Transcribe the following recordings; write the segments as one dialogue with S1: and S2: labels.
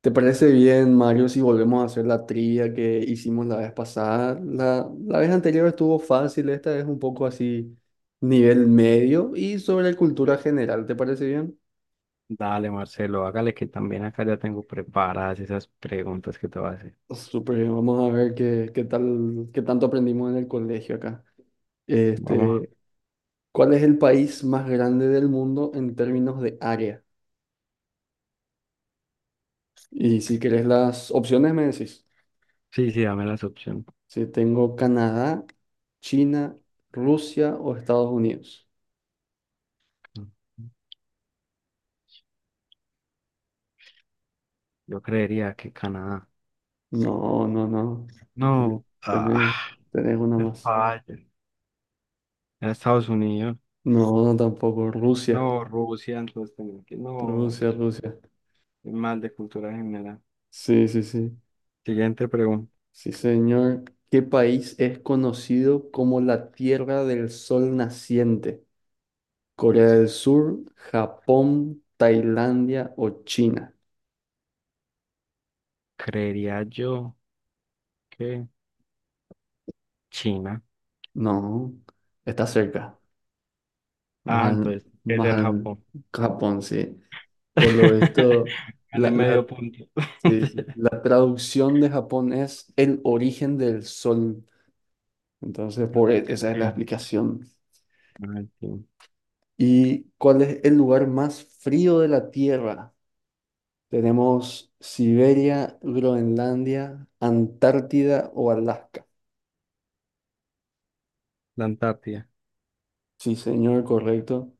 S1: ¿Te parece bien, Mario, si volvemos a hacer la trivia que hicimos la vez pasada? La vez anterior estuvo fácil, esta es un poco así, nivel medio y sobre cultura general, ¿te parece bien?
S2: Dale, Marcelo, hágale que también acá ya tengo preparadas esas preguntas que te voy a hacer.
S1: Súper bien, vamos a ver qué tal, qué tanto aprendimos en el colegio acá.
S2: Vamos.
S1: Este, ¿Cuál es el país más grande del mundo en términos de área? Y si querés las opciones me decís,
S2: Sí, sí, dame las opciones.
S1: si tengo Canadá, China, Rusia o Estados Unidos.
S2: Yo creería que Canadá.
S1: No, no, no.
S2: No,
S1: Tenés, tenés una
S2: me
S1: más.
S2: falla. Era Estados Unidos.
S1: No, no tampoco. Rusia.
S2: No, Rusia, entonces tengo que. No,
S1: Rusia, Rusia.
S2: soy mal de cultura general.
S1: Sí, sí, sí.
S2: Siguiente pregunta.
S1: Sí, señor. ¿Qué país es conocido como la Tierra del Sol Naciente? ¿Corea del Sur, Japón, Tailandia o China?
S2: Creería yo que China.
S1: No, está cerca. Más
S2: Ah,
S1: al,
S2: entonces, ¿qué es
S1: más
S2: el
S1: al
S2: Japón?
S1: Japón, sí. Por lo visto, la,
S2: Gané
S1: la-
S2: medio punto.
S1: sí, sí. La traducción de Japón es el origen del sol. Entonces, esa es la explicación.
S2: Ujú.
S1: ¿Y cuál es el lugar más frío de la Tierra? Tenemos Siberia, Groenlandia, Antártida o Alaska.
S2: La Antártida.
S1: Sí, señor, correcto.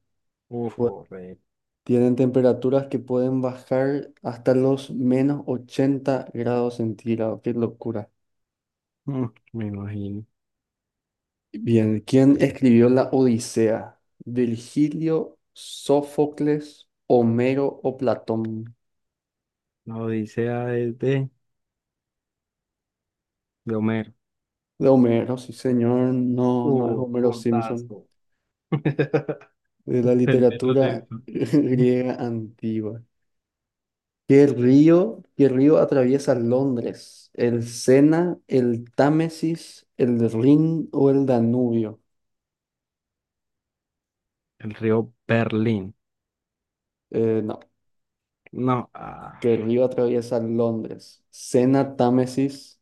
S2: Uf,
S1: Pu-
S2: correcto.
S1: Tienen temperaturas que pueden bajar hasta los menos 80 grados centígrados. Qué locura.
S2: Mm, Me imagino.
S1: Bien, ¿quién escribió la Odisea? ¿Virgilio, Sófocles, Homero o Platón?
S2: La Odisea es de Homero.
S1: De Homero, sí señor, no, no es
S2: Uf,
S1: Homero Simpson,
S2: puntazo.
S1: de la
S2: Entendí lo de
S1: literatura
S2: eso.
S1: griega antigua. ¿Qué río atraviesa Londres? ¿El Sena, el Támesis, el Rin o el Danubio?
S2: El río Berlín.
S1: No,
S2: No,
S1: ¿qué río atraviesa Londres? ¿Sena, Támesis,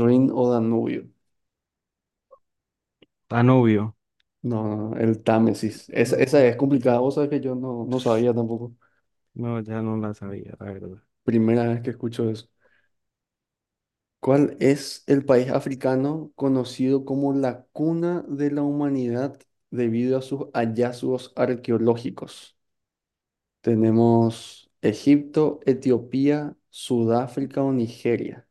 S1: Rin o Danubio?
S2: Danubio.
S1: No, el Támesis. Esa,
S2: No,
S1: esa es
S2: imagino,
S1: complicada, vos sabés que yo no, no sabía tampoco.
S2: no, ya no la sabía, la verdad.
S1: Primera vez que escucho eso. ¿Cuál es el país africano conocido como la cuna de la humanidad debido a sus hallazgos arqueológicos? Tenemos Egipto, Etiopía, Sudáfrica o Nigeria.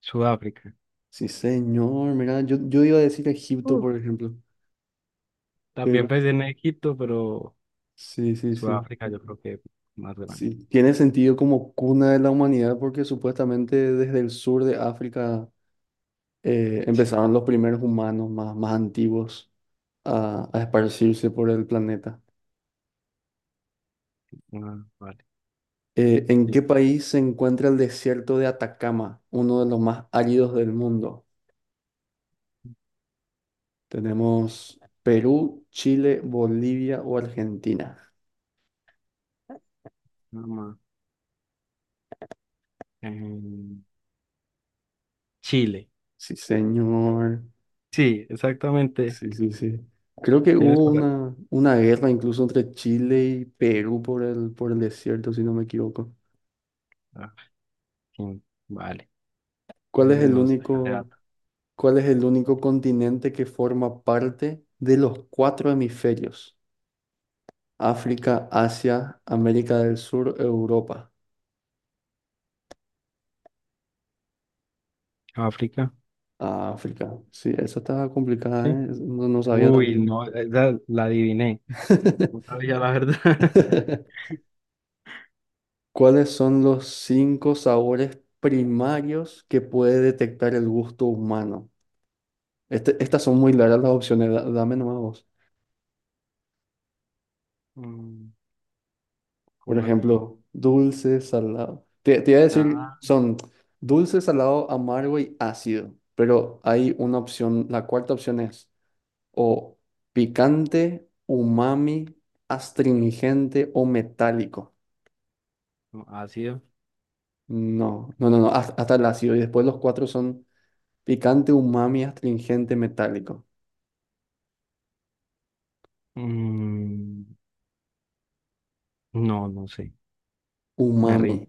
S2: Sudáfrica.
S1: Sí, señor, mira, yo iba a decir Egipto,
S2: Uf.
S1: por ejemplo,
S2: También
S1: pero
S2: pensé en Egipto, pero
S1: sí, sí, sí.
S2: Sudáfrica yo creo que es más grande.
S1: Sí, tiene sentido como cuna de la humanidad porque supuestamente desde el sur de África
S2: Sí.
S1: empezaron los primeros humanos más antiguos a esparcirse por el planeta.
S2: Ah, vale.
S1: ¿En
S2: Sí.
S1: qué país se encuentra el desierto de Atacama, uno de los más áridos del mundo? Tenemos Perú, Chile, Bolivia o Argentina.
S2: Nada más. Em, Chile.
S1: Sí, señor.
S2: Sí, exactamente.
S1: Sí, sí, sí. Creo que
S2: ¿Tienes
S1: hubo
S2: por ahí?
S1: una guerra incluso entre Chile y Perú por el desierto, si no me equivoco.
S2: Ah, sí, vale,
S1: ¿Cuál
S2: eso
S1: es
S2: sí
S1: el
S2: no lo sabía. Espera.
S1: único, ¿cuál es el único continente que forma parte de los cuatro hemisferios? África, Asia, América del Sur, Europa.
S2: África,
S1: Ah, África. Sí, esa estaba complicada,
S2: sí.
S1: ¿eh? No, no sabía
S2: Uy,
S1: tampoco.
S2: no, esa la adiviné. No sabía la verdad.
S1: ¿Cuáles son los cinco sabores primarios que puede detectar el gusto humano? Estas son muy largas las opciones, dame nomás vos.
S2: Mm,
S1: Por
S2: ¿Cómo así?
S1: ejemplo, dulce, salado. Te iba a decir,
S2: Ah,
S1: son dulce, salado, amargo y ácido. Pero hay una opción, la cuarta opción es o picante, umami, astringente o metálico.
S2: no, ácido.
S1: No, no, no, no, hasta, el ácido. Y después los cuatro son picante, umami, astringente, metálico.
S2: Mm, no, no sé. Me
S1: Umami,
S2: rindo.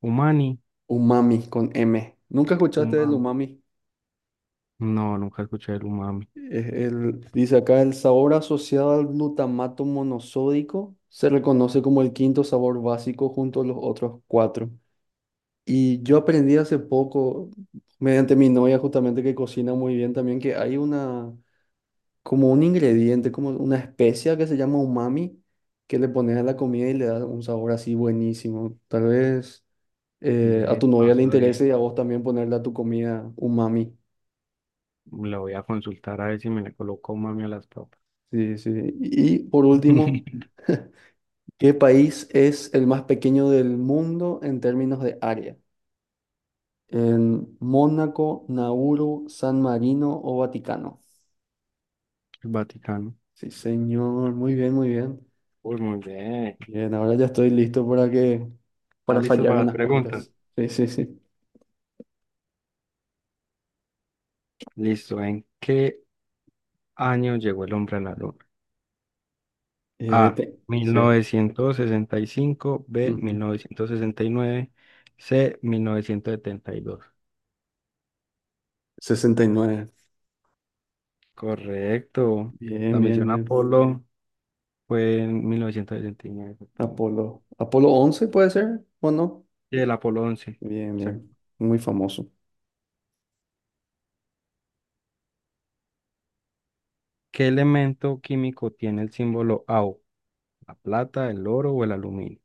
S2: Umani,
S1: umami con M. ¿Nunca escuchaste del
S2: umami.
S1: umami?
S2: No, nunca escuché el umami.
S1: Dice acá, el sabor asociado al glutamato monosódico se reconoce como el quinto sabor básico junto a los otros cuatro. Y yo aprendí hace poco, mediante mi novia justamente que cocina muy bien también, que hay una, como un ingrediente, como una especia que se llama umami, que le pones a la comida y le da un sabor así buenísimo. Tal vez a
S2: Ve,
S1: tu
S2: no
S1: novia le interese
S2: sabía.
S1: y a vos también ponerle a tu comida umami.
S2: La voy a consultar a ver si me le coloco umami a las papas.
S1: Sí, sí. Y por último...
S2: El
S1: ¿Qué país es el más pequeño del mundo en términos de área? En Mónaco, Nauru, San Marino o Vaticano.
S2: Vaticano.
S1: Sí, señor, muy bien, muy bien.
S2: Uy, muy bien.
S1: Bien, ahora ya estoy listo
S2: ¿Estás
S1: para
S2: listo
S1: fallar
S2: para las
S1: unas
S2: preguntas?
S1: cuantas. Sí, sí, sí.
S2: Listo. ¿En qué año llegó el hombre a la luna? A, mil
S1: Sí.
S2: novecientos sesenta y cinco. B,
S1: Ujú.
S2: 1969. C, 1972.
S1: 69.
S2: Correcto.
S1: Bien,
S2: La
S1: bien,
S2: misión
S1: bien.
S2: Apolo fue en 1969. Exactamente.
S1: Apolo. Apolo 11 puede ser, ¿o no?
S2: Y el Apolo 11.
S1: Bien, bien.
S2: Exacto.
S1: Muy famoso.
S2: ¿Qué elemento químico tiene el símbolo AU? ¿La plata, el oro o el aluminio?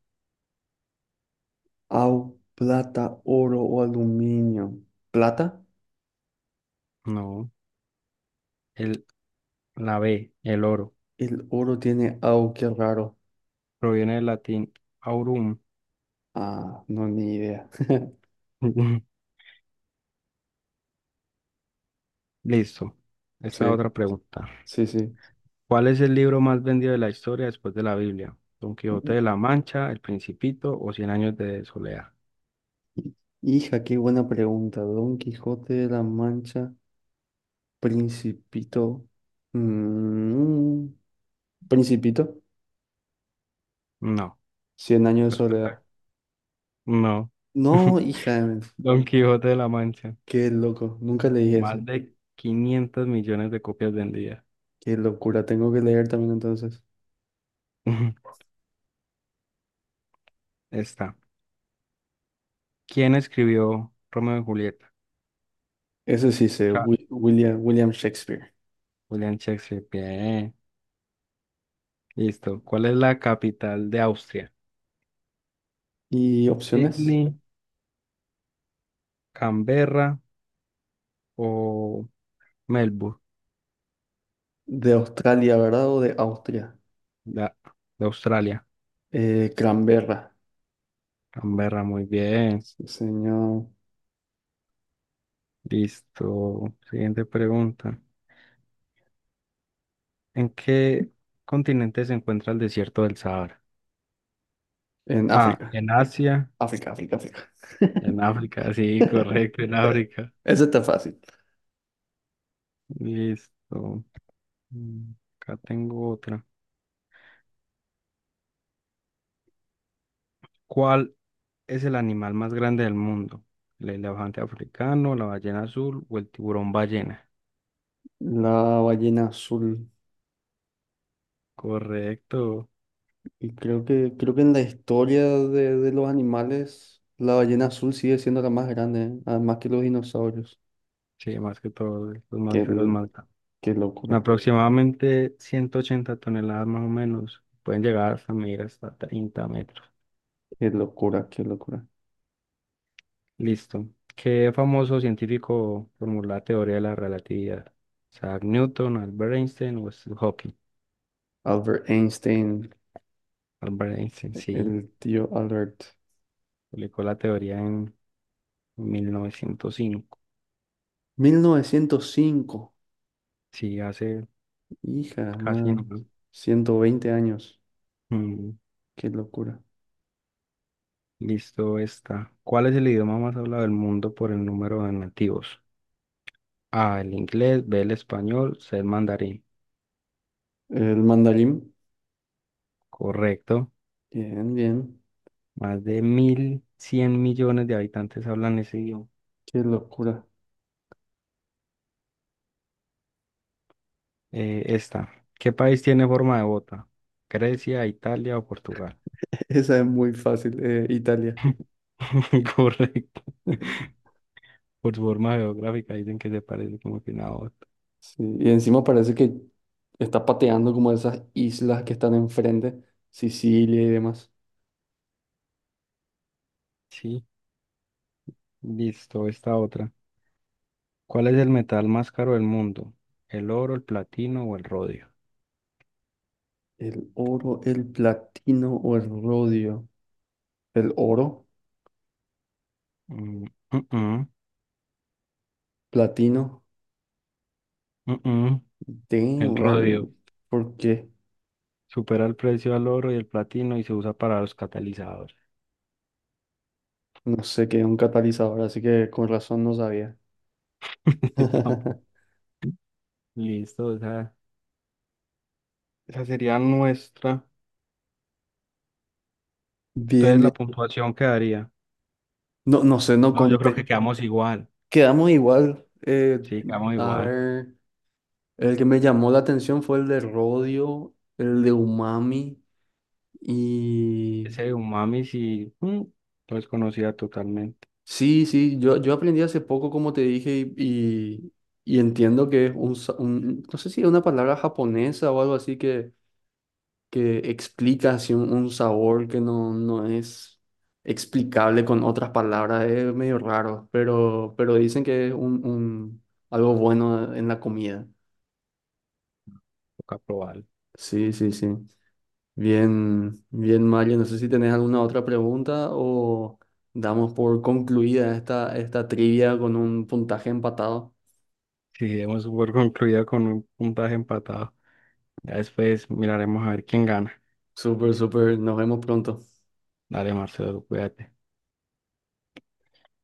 S1: Au, plata, oro o aluminio. ¿Plata?
S2: No, el, la B, el oro.
S1: El oro tiene au, qué raro.
S2: Proviene del latín aurum.
S1: Ah, no, ni idea.
S2: Listo. Esta
S1: Sí,
S2: otra pregunta.
S1: sí, sí.
S2: ¿Cuál es el libro más vendido de la historia después de la Biblia? ¿Don Quijote de la Mancha, El Principito o Cien años de soledad?
S1: Hija, qué buena pregunta. Don Quijote de la Mancha, Principito. Mm, Principito,
S2: No.
S1: Cien años de
S2: Respuesta-
S1: soledad.
S2: No.
S1: No, hija,
S2: Don Quijote de la Mancha.
S1: qué loco. Nunca leí ese.
S2: Más de 500 millones de copias vendidas.
S1: Qué locura. Tengo que leer también entonces.
S2: Está. ¿Quién escribió Romeo y Julieta?
S1: Ese sí sé,
S2: Cha-
S1: William, William Shakespeare.
S2: William Shakespeare. Bien. Listo. ¿Cuál es la capital de Austria?
S1: ¿Y opciones?
S2: Sydney, Canberra o Melbourne,
S1: De Australia, ¿verdad? O de Austria.
S2: de, de Australia.
S1: Canberra.
S2: Canberra, muy bien.
S1: Sí, señor.
S2: Listo. Siguiente pregunta. ¿En qué continente se encuentra el desierto del Sahara?
S1: En
S2: A,
S1: África.
S2: en Asia,
S1: África, África, África.
S2: en África, sí, correcto, en África.
S1: Eso está fácil.
S2: Listo. Mm, Acá tengo otra. ¿Cuál es el animal más grande del mundo? ¿El elefante africano, la ballena azul o el tiburón ballena?
S1: La ballena azul.
S2: Correcto.
S1: Y creo que en la historia de los animales, la ballena azul sigue siendo la más grande, ¿eh? Además que los dinosaurios.
S2: Sí, más que todo, los
S1: Qué,
S2: mamíferos
S1: l-
S2: más grandes.
S1: qué locura,
S2: Aproximadamente 180 toneladas más o menos. Pueden llegar hasta medir hasta 30 metros.
S1: qué locura, qué locura.
S2: Listo. ¿Qué famoso científico formuló la teoría de la relatividad? Isaac Newton, Albert Einstein o Stephen Hawking.
S1: Albert Einstein,
S2: Albert Einstein, sí.
S1: el tío Albert.
S2: Publicó la teoría en 1905.
S1: 1905.
S2: Sí, hace
S1: Hija,
S2: casi
S1: más
S2: nada.
S1: 120 años.
S2: Mm,
S1: Qué locura.
S2: Listo, está. ¿Cuál es el idioma más hablado del mundo por el número de nativos? A, el inglés, B, el español, C, el mandarín.
S1: El mandarín.
S2: Correcto.
S1: Bien, bien.
S2: Más de 1100 millones de habitantes hablan ese idioma.
S1: Qué locura.
S2: Esta. ¿Qué país tiene forma de bota? ¿Grecia, Italia o Portugal?
S1: Esa es muy fácil, Italia.
S2: Correcto. Por su forma geográfica dicen que se parece como que una bota.
S1: Sí, y encima parece que está pateando como esas islas que están enfrente, Sicilia y demás.
S2: Sí, listo, esta otra. ¿Cuál es el metal más caro del mundo? ¿El oro, el platino o el rodio?
S1: El oro, el platino o el rodio. El oro,
S2: Mm, mm, mm,
S1: platino,
S2: mm, mm. El
S1: damn,
S2: rodio.
S1: ¿por qué?
S2: Supera el precio al oro y el platino y se usa para los catalizadores.
S1: No sé qué es un catalizador, así que con razón no sabía.
S2: Yo tampoco. Listo, esa sería nuestra.
S1: Bien,
S2: Entonces la
S1: bien.
S2: puntuación quedaría.
S1: No, no sé, no
S2: No, yo creo
S1: conté.
S2: que quedamos igual.
S1: Quedamos igual.
S2: Sí, quedamos
S1: A
S2: igual.
S1: ver. El que me llamó la atención fue el de Rodio, el de Umami y...
S2: Ese de umami sí, no es conocida totalmente.
S1: Sí, sí, yo aprendí hace poco, como te dije, y entiendo que es un, no sé si es una palabra japonesa o algo así que explica así un sabor que no, no es explicable con otras palabras, es medio raro, pero dicen que es algo bueno en la comida.
S2: Toca probarlo.
S1: Sí, sí, sí. Bien, bien, Mario. No sé si tenés alguna otra pregunta o damos por concluida esta, esta trivia con un puntaje empatado.
S2: Sí, hemos por concluido con un puntaje empatado. Ya después miraremos a ver quién gana.
S1: Súper, súper. Nos vemos pronto.
S2: Dale, Marcelo, cuídate.